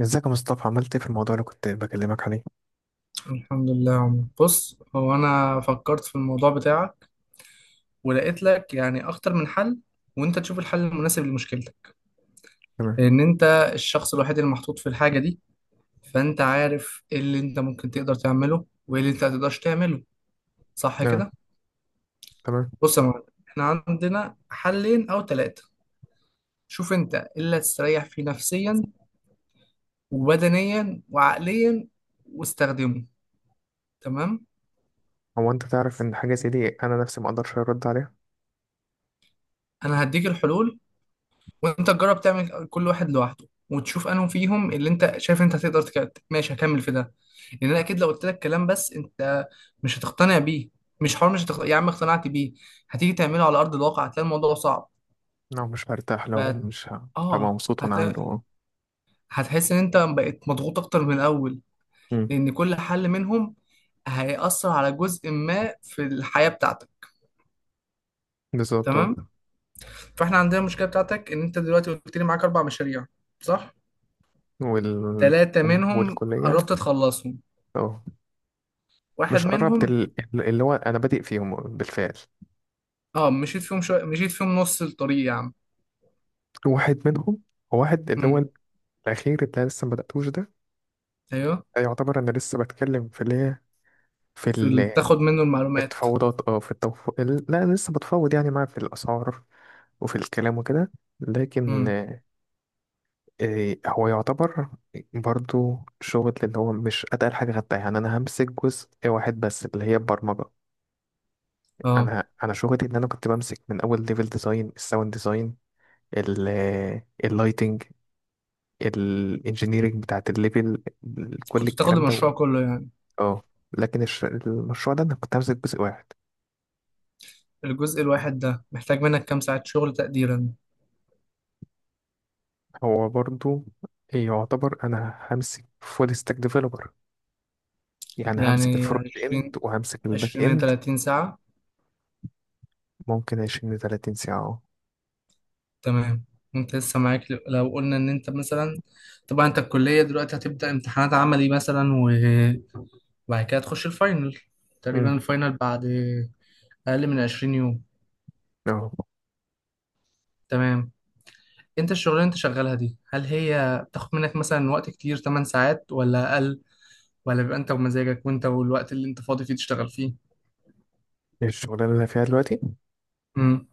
ازيك يا مصطفى، عملت ايه في الموضوع اللي كنت بكلمك عليه؟ الحمد لله يا عمر، بص. هو انا فكرت في الموضوع بتاعك ولقيت لك يعني اكتر من حل، وانت تشوف الحل المناسب لمشكلتك، تمام. لان انت الشخص الوحيد اللي محطوط في الحاجه دي. فانت عارف ايه اللي انت ممكن تقدر تعمله وايه اللي انت ما تقدرش تعمله. صح اه. كده؟ تمام. بص يا معلم، احنا عندنا حلين او ثلاثه. شوف انت إيه اللي هتستريح فيه نفسيا وبدنيا وعقليا واستخدمه. تمام. هو انت تعرف ان حاجه زي دي انا نفسي ما اقدرش ارد عليها. انا هديك الحلول، وانت تجرب تعمل كل واحد لوحده وتشوف انهم فيهم اللي انت شايف انت هتقدر ماشي، هكمل في ده. لان انا اكيد لو قلت لك كلام بس انت مش هتقتنع بيه. مش حوار مش هتق... يا عم اقتنعت بيه، هتيجي تعمله على ارض الواقع هتلاقي الموضوع صعب. لا مش هرتاح، لو ف... مش هبقى اه مبسوط وانا عامله. هتلاقي، اه. هتحس ان انت بقيت مضغوط اكتر من الاول. أمم، لان كل حل منهم هيأثر على جزء ما في الحياة بتاعتك. بالظبط تمام. اه. فاحنا عندنا المشكلة بتاعتك ان انت دلوقتي قلت لي معاك اربع مشاريع، صح. وال ثلاثة منهم والكليه. قربت تخلصهم، اه. واحد مش قربت منهم، اللي هو انا بادئ فيهم بالفعل. اه، مشيت فيهم شويه، مشيت فيهم نص الطريق يا عم. واحد منهم، هو واحد اللي هو امم. الاخير اللي أنا لسه ما بداتوش ده، ايوه. يعتبر انا لسه بتكلم في اللي هي، في ال- بتاخد منه المعلومات. التفاوضات. لا انا لسه بتفاوض يعني معاه في الاسعار وفي الكلام وكده. لكن امم. آه، آه، هو يعتبر برضو شغل اللي هو مش اتقل حاجه خدتها، يعني انا همسك جزء واحد بس اللي هي البرمجه. اه، انا شغلي ان انا كنت بمسك من اول ليفل ديزاين، الساوند ديزاين، اللايتنج، الانجينيرنج بتاعت الليفل، كل كنت بتاخد الكلام ده المشروع كله يعني. اه لكن المشروع ده انا كنت همسك جزء واحد. الجزء الواحد ده محتاج منك كام ساعة شغل تقديرا؟ هو برضو يعتبر انا همسك فول ستاك ديفلوبر، يعني همسك يعني الفرونت اند وهمسك الباك 20 ل اند. 30 ساعة. ممكن 20 ل 30 ساعة. اه. تمام. وانت لسه معاك، لو قلنا ان انت مثلا، طبعا انت الكلية دلوقتي هتبدأ امتحانات عملي مثلا، وبعد كده تخش الفاينل. امم تقريبا الفاينل بعد اقل من 20 يوم. اه. تمام. انت الشغلانه اللي انت شغالها دي هل هي بتاخد منك مثلا وقت كتير، 8 ساعات ولا اقل؟ ولا بيبقى انت ومزاجك وانت والوقت اللي انت فاضي فيه تشتغل فيه؟ الشغلانة اللي أنا فيها دلوقتي، امم.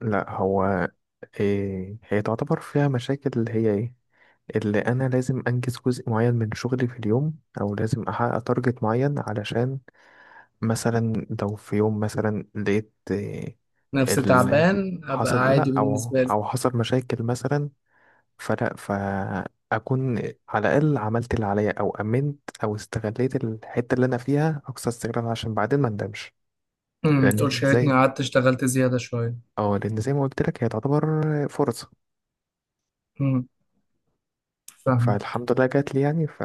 لا هو إيه هي تعتبر فيها مشاكل اللي هي ايه. اللي انا لازم انجز جزء معين من شغلي في اليوم، او لازم احقق تارجت معين علشان مثلا لو في يوم مثلا لقيت إيه، نفس ال تعبان ابقى حصل، عادي لا او بالنسبه لي. او حصل مشاكل مثلا، فلا فاكون على الاقل عملت اللي عليا، او امنت، او استغليت الحتة اللي انا فيها اقصى استغلال عشان بعدين ما ندمش. امم، لأن تقولش يا ريتني زي قعدت اشتغلت زياده شويه. اه لأن زي ما قلت لك هي تعتبر فرصة. امم، فاهم. فالحمد لله جات لي يعني.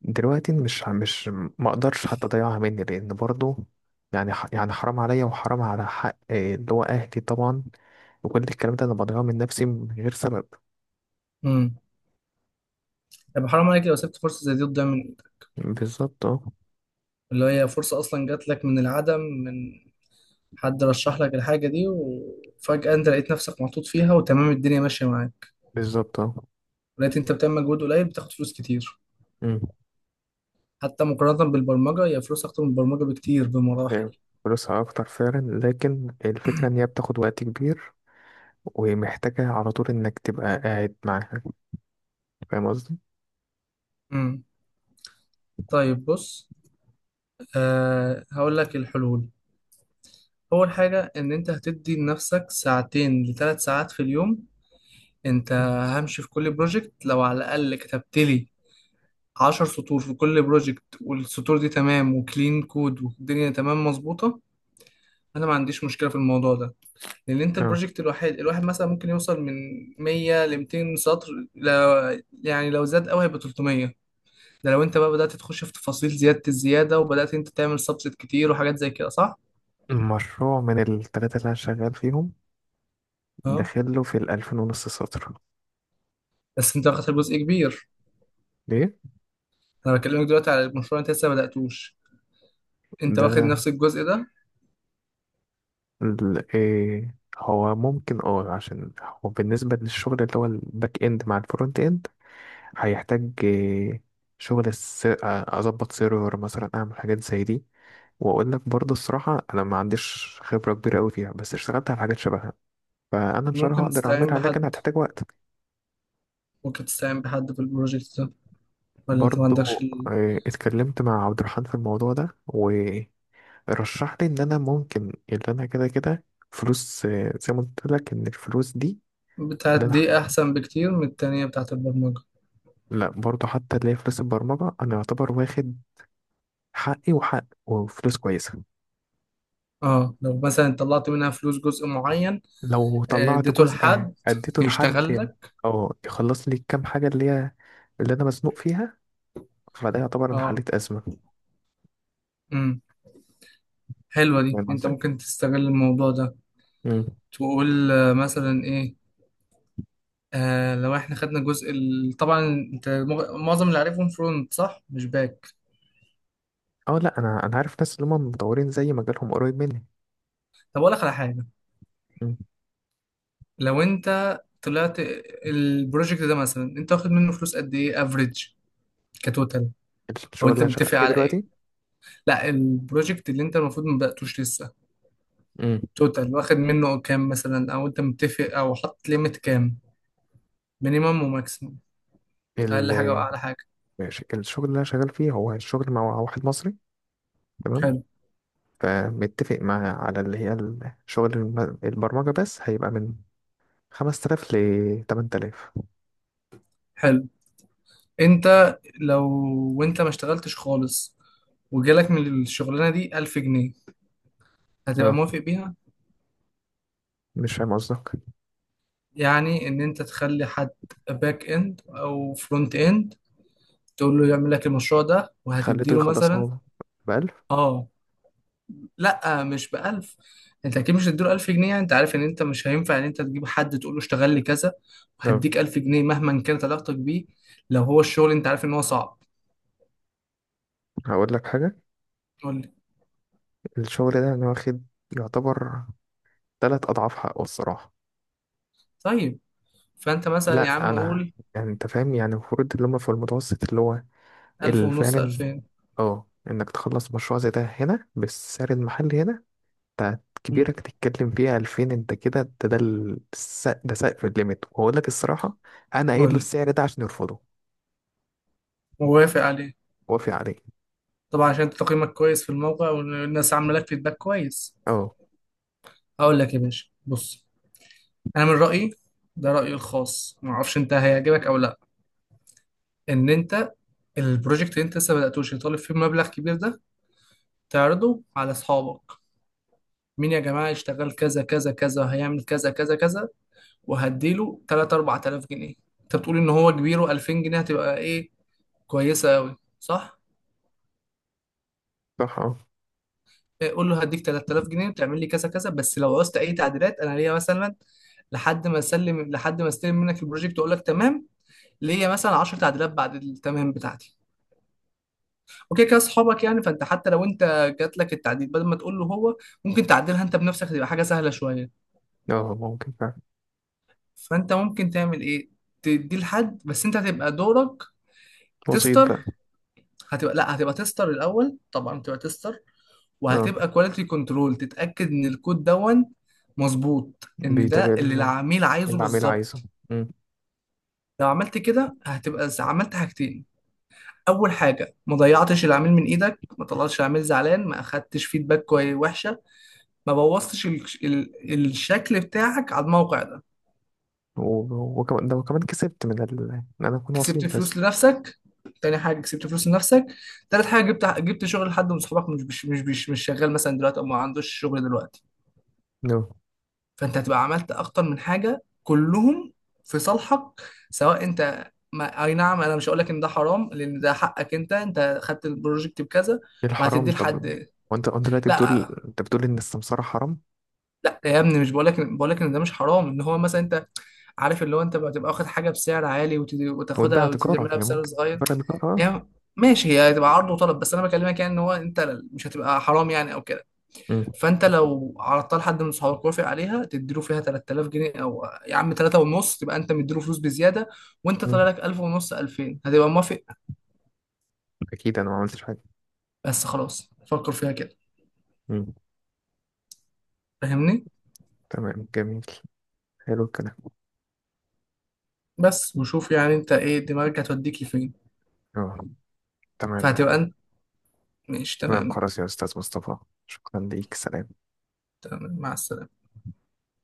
دلوقتي مش مش ما اقدرش حتى اضيعها مني، لان برضو يعني حرام عليا، وحرام على حق اللي هو اهلي طبعا، وكل الكلام ده انا بضيعه من نفسي من غير سبب. امم. طب حرام عليك لو سبت فرصه زي دي تضيع من ايدك. بالظبط اه. اللي هي فرصه اصلا جات لك من العدم، من حد رشح لك الحاجه دي وفجاه انت لقيت نفسك محطوط فيها وتمام الدنيا ماشيه معاك. بالظبط اه. لقيت انت بتعمل مجهود قليل بتاخد فلوس كتير. أمم، حتى مقارنة بالبرمجة، هي فلوس أكتر من البرمجة بكتير بمراحل. أيوة. فلوسها اكتر فعلا، لكن الفكرة ان هي بتاخد وقت كبير ومحتاجة على طول انك تبقى قاعد معاها. فاهم قصدي؟ امم. طيب بص، أه هقول لك الحلول. أول حاجة إن أنت هتدي لنفسك ساعتين لثلاث ساعات في اليوم. أنت أمم. همشي في كل بروجكت، لو على الأقل كتبت لي عشر سطور في كل بروجكت والسطور دي تمام وكلين كود والدنيا تمام مظبوطة، أنا ما عنديش مشكلة في الموضوع ده. لأن أنت اه. البروجكت الواحد الواحد مثلا ممكن يوصل من 100 ل 200 سطر. لا يعني لو زاد قوي هيبقى 300. ده لو انت بقى بدأت تخش في تفاصيل زيادة الزيادة وبدأت انت تعمل سبسيت كتير وحاجات زي كده، صح؟ المشروع من التلاتة اللي أنا شغال فيهم اه، داخله في 2500 سطر. بس انت واخد جزء كبير. ليه؟ انا بكلمك دلوقتي على المشروع انت لسه ما بدأتوش، انت ده واخد نفس الجزء ده. إيه هو ممكن. اه عشان هو بالنسبة للشغل اللي هو الباك اند مع الفرونت اند هيحتاج إيه شغل أظبط سيرفر مثلا، أعمل حاجات زي دي. وأقول لك برضه الصراحة أنا ما عنديش خبرة كبيرة أوي فيها، بس اشتغلت على حاجات شبهها، فأنا إن شاء الله ممكن هقدر تستعين أعملها لكن بحد؟ هتحتاج وقت. ممكن تستعين بحد في البروجكت ده، ولا انت ما برضه عندكش اتكلمت مع عبد الرحمن في الموضوع ده. رشح لي ان انا ممكن اللي انا كده كده فلوس. زي ما قلت لك ان الفلوس دي بتاعت اللي انا دي احسن بكتير من التانية بتاعت البرمجة؟ لا برضه حتى اللي هي فلوس البرمجة، انا يعتبر واخد حقي، وحق، وفلوس كويسة. اه، لو مثلا طلعت منها فلوس جزء معين، لو آه، طلعت اديته جزء، لحد اديته لحد يشتغل يعني لك. او يخلص لي الكام حاجة اللي هي اللي انا مزنوق فيها، فده يعتبر انا اه. حليت ازمة. امم. حلوة دي، فاهم انت قصدي؟ ممكن تستغل الموضوع ده. مم. تقول آه، مثلا ايه، آه لو احنا خدنا جزء طبعا انت معظم اللي عارفهم فرونت، صح، مش باك. اه. لا انا عارف ناس اللي هم مطورين، زي مجالهم قريب مني. طب اقول لك على حاجه. مم. لو انت طلعت البروجكت ده مثلا، انت واخد منه فلوس قد ايه افريج كتوتال؟ او الشغل اللي انت انا شغال متفق فيه على ايه؟ دلوقتي. لا البروجكت اللي انت المفروض ما بداتوش لسه، توتال واخد منه كام مثلا، او انت متفق او حاطط ليميت كام، مينيمم وماكسيمم، اقل حاجه مم. واعلى حاجه. ماشي، الشغل اللي انا شغال فيه هو الشغل مع واحد مصري. تمام. حلو. فمتفق معاه على اللي هي الشغل البرمجة بس، هيبقى من 5000 ل 8000. حلو. انت لو، وانت ما اشتغلتش خالص، وجالك من الشغلانه دي 1000 جنيه، هتبقى اه موافق بيها؟ مش فاهم قصدك. يعني ان انت تخلي حد، باك اند او فرونت اند، تقول له يعمل لك المشروع ده خليته وهتديله مثلا. يخلصها ب 1000. اه، لا مش ب 1000. انت اكيد مش هتديله 1000 جنيه. يعني انت عارف ان انت مش هينفع ان انت تجيب حد تقول له اشتغل لي كذا اه وهديك 1000 جنيه مهما كانت علاقتك بيه. لو هو الشغل انت عارف ان هو صعب. هقول لك حاجة، قول لي. الشغل ده انا واخد يعتبر 3 أضعاف حقه الصراحة. طيب، فانت مثلا يا لا عم أنا قول يعني أنت فاهم، يعني المفروض اللي هما في المتوسط اللي هو 1000 اللي ونص، فعلا. 2000. اه إنك تخلص مشروع زي ده هنا بالسعر المحلي هنا بتاعت مم. كبيرك تتكلم فيها 2000. انت كده ده سقف الليميت. وهقول لك الصراحة انا قايل قول له لي. السعر ده عشان يرفضه. موافق عليه. وافق عليه. طبعا عشان انت تقييمك كويس في الموقع والناس عامله لك فيدباك كويس. اه. هقول لك يا باشا، بص، انا من رايي، ده رايي الخاص ما اعرفش انت هيعجبك او لا، ان انت البروجكت اللي انت لسه بداتوش اللي طالب فيه مبلغ كبير ده تعرضه على اصحابك. مين يا جماعه يشتغل كذا كذا كذا، هيعمل كذا كذا كذا، وهديله 3، 4000 جنيه. انت بتقول ان هو كبير و2000 جنيه هتبقى ايه، كويسه قوي، صح؟ صح اه. إيه، قول له هديك 3000 جنيه وتعمل لي كذا كذا، بس لو عوزت اي تعديلات انا ليا مثلا، لحد ما اسلم، لحد ما استلم منك البروجكت واقول لك تمام، ليا مثلا 10 تعديلات بعد التمام بتاعتي. وكده كده اصحابك يعني. فانت حتى لو انت جات لك التعديل بدل ما تقول له هو، ممكن تعدلها انت بنفسك، تبقى حاجه سهله شويه. اه ممكن فعلا. فانت ممكن تعمل ايه، تدي لحد، بس انت هتبقى دورك وسيط تستر. بقى. هتبقى، لا، هتبقى تستر الاول طبعا، تبقى تستر، اه. وهتبقى كواليتي كنترول تتاكد ان الكود دون مظبوط، ان بيتابع ده اللي اللي العميل عايزه العميل عايزه. بالظبط. مم. لو عملت كده هتبقى عملت حاجتين. اول حاجه ما ضيعتش العميل من ايدك، ما طلعتش العميل زعلان، ما اخدتش فيدباك كويس وحشه، ما بوظتش الشكل بتاعك على الموقع ده. وكمان ده، وكمان كسبت من ان انا اكون كسبت وسيط بس. فلوس لنفسك. تاني حاجه كسبت فلوس لنفسك. تالت حاجه جبت، جبت شغل لحد من صحابك مش شغال مثلا دلوقتي او ما عندوش شغل دلوقتي. نو فانت هتبقى عملت اكتر من حاجه كلهم في صالحك. سواء انت ما... اي نعم، انا مش هقول لك ان ده حرام لان ده حقك انت، انت خدت البروجكت بكذا الحرام وهتديه طب. لحد. وانت دلوقتي لا بتقول ان السمسارة حرام. لا يا ابني، مش بقولك، بقولك ان ده مش حرام، ان هو مثلا انت عارف اللي هو انت بتبقى واخد حاجه بسعر عالي وتباع وتاخدها تجارة، وتعملها هي بسعر ممكن صغير. تباع تجارة اه. هي، ماشي، هي هتبقى عرض وطلب، بس انا بكلمك يعني ان هو انت مش هتبقى حرام يعني او كده. مم. فانت لو عرضتها لحد من صحابك وافق عليها تديله فيها 3000 جنيه او يا عم 3 ونص، تبقى انت مديله فلوس بزياده، وانت طالع مم. لك 1000 ونص، 2000، هتبقى موافق. اكيد انا ما عملتش حاجة. بس خلاص فكر فيها كده. مم. فاهمني؟ تمام جميل، حلو الكلام. بس وشوف يعني انت ايه دماغك هتوديك لفين. آه، تمام. فهتبقى انت، ماشي تمام تمام. خلاص يا أستاذ مصطفى، شكرا ليك، سلام. تمام، مع السلامه.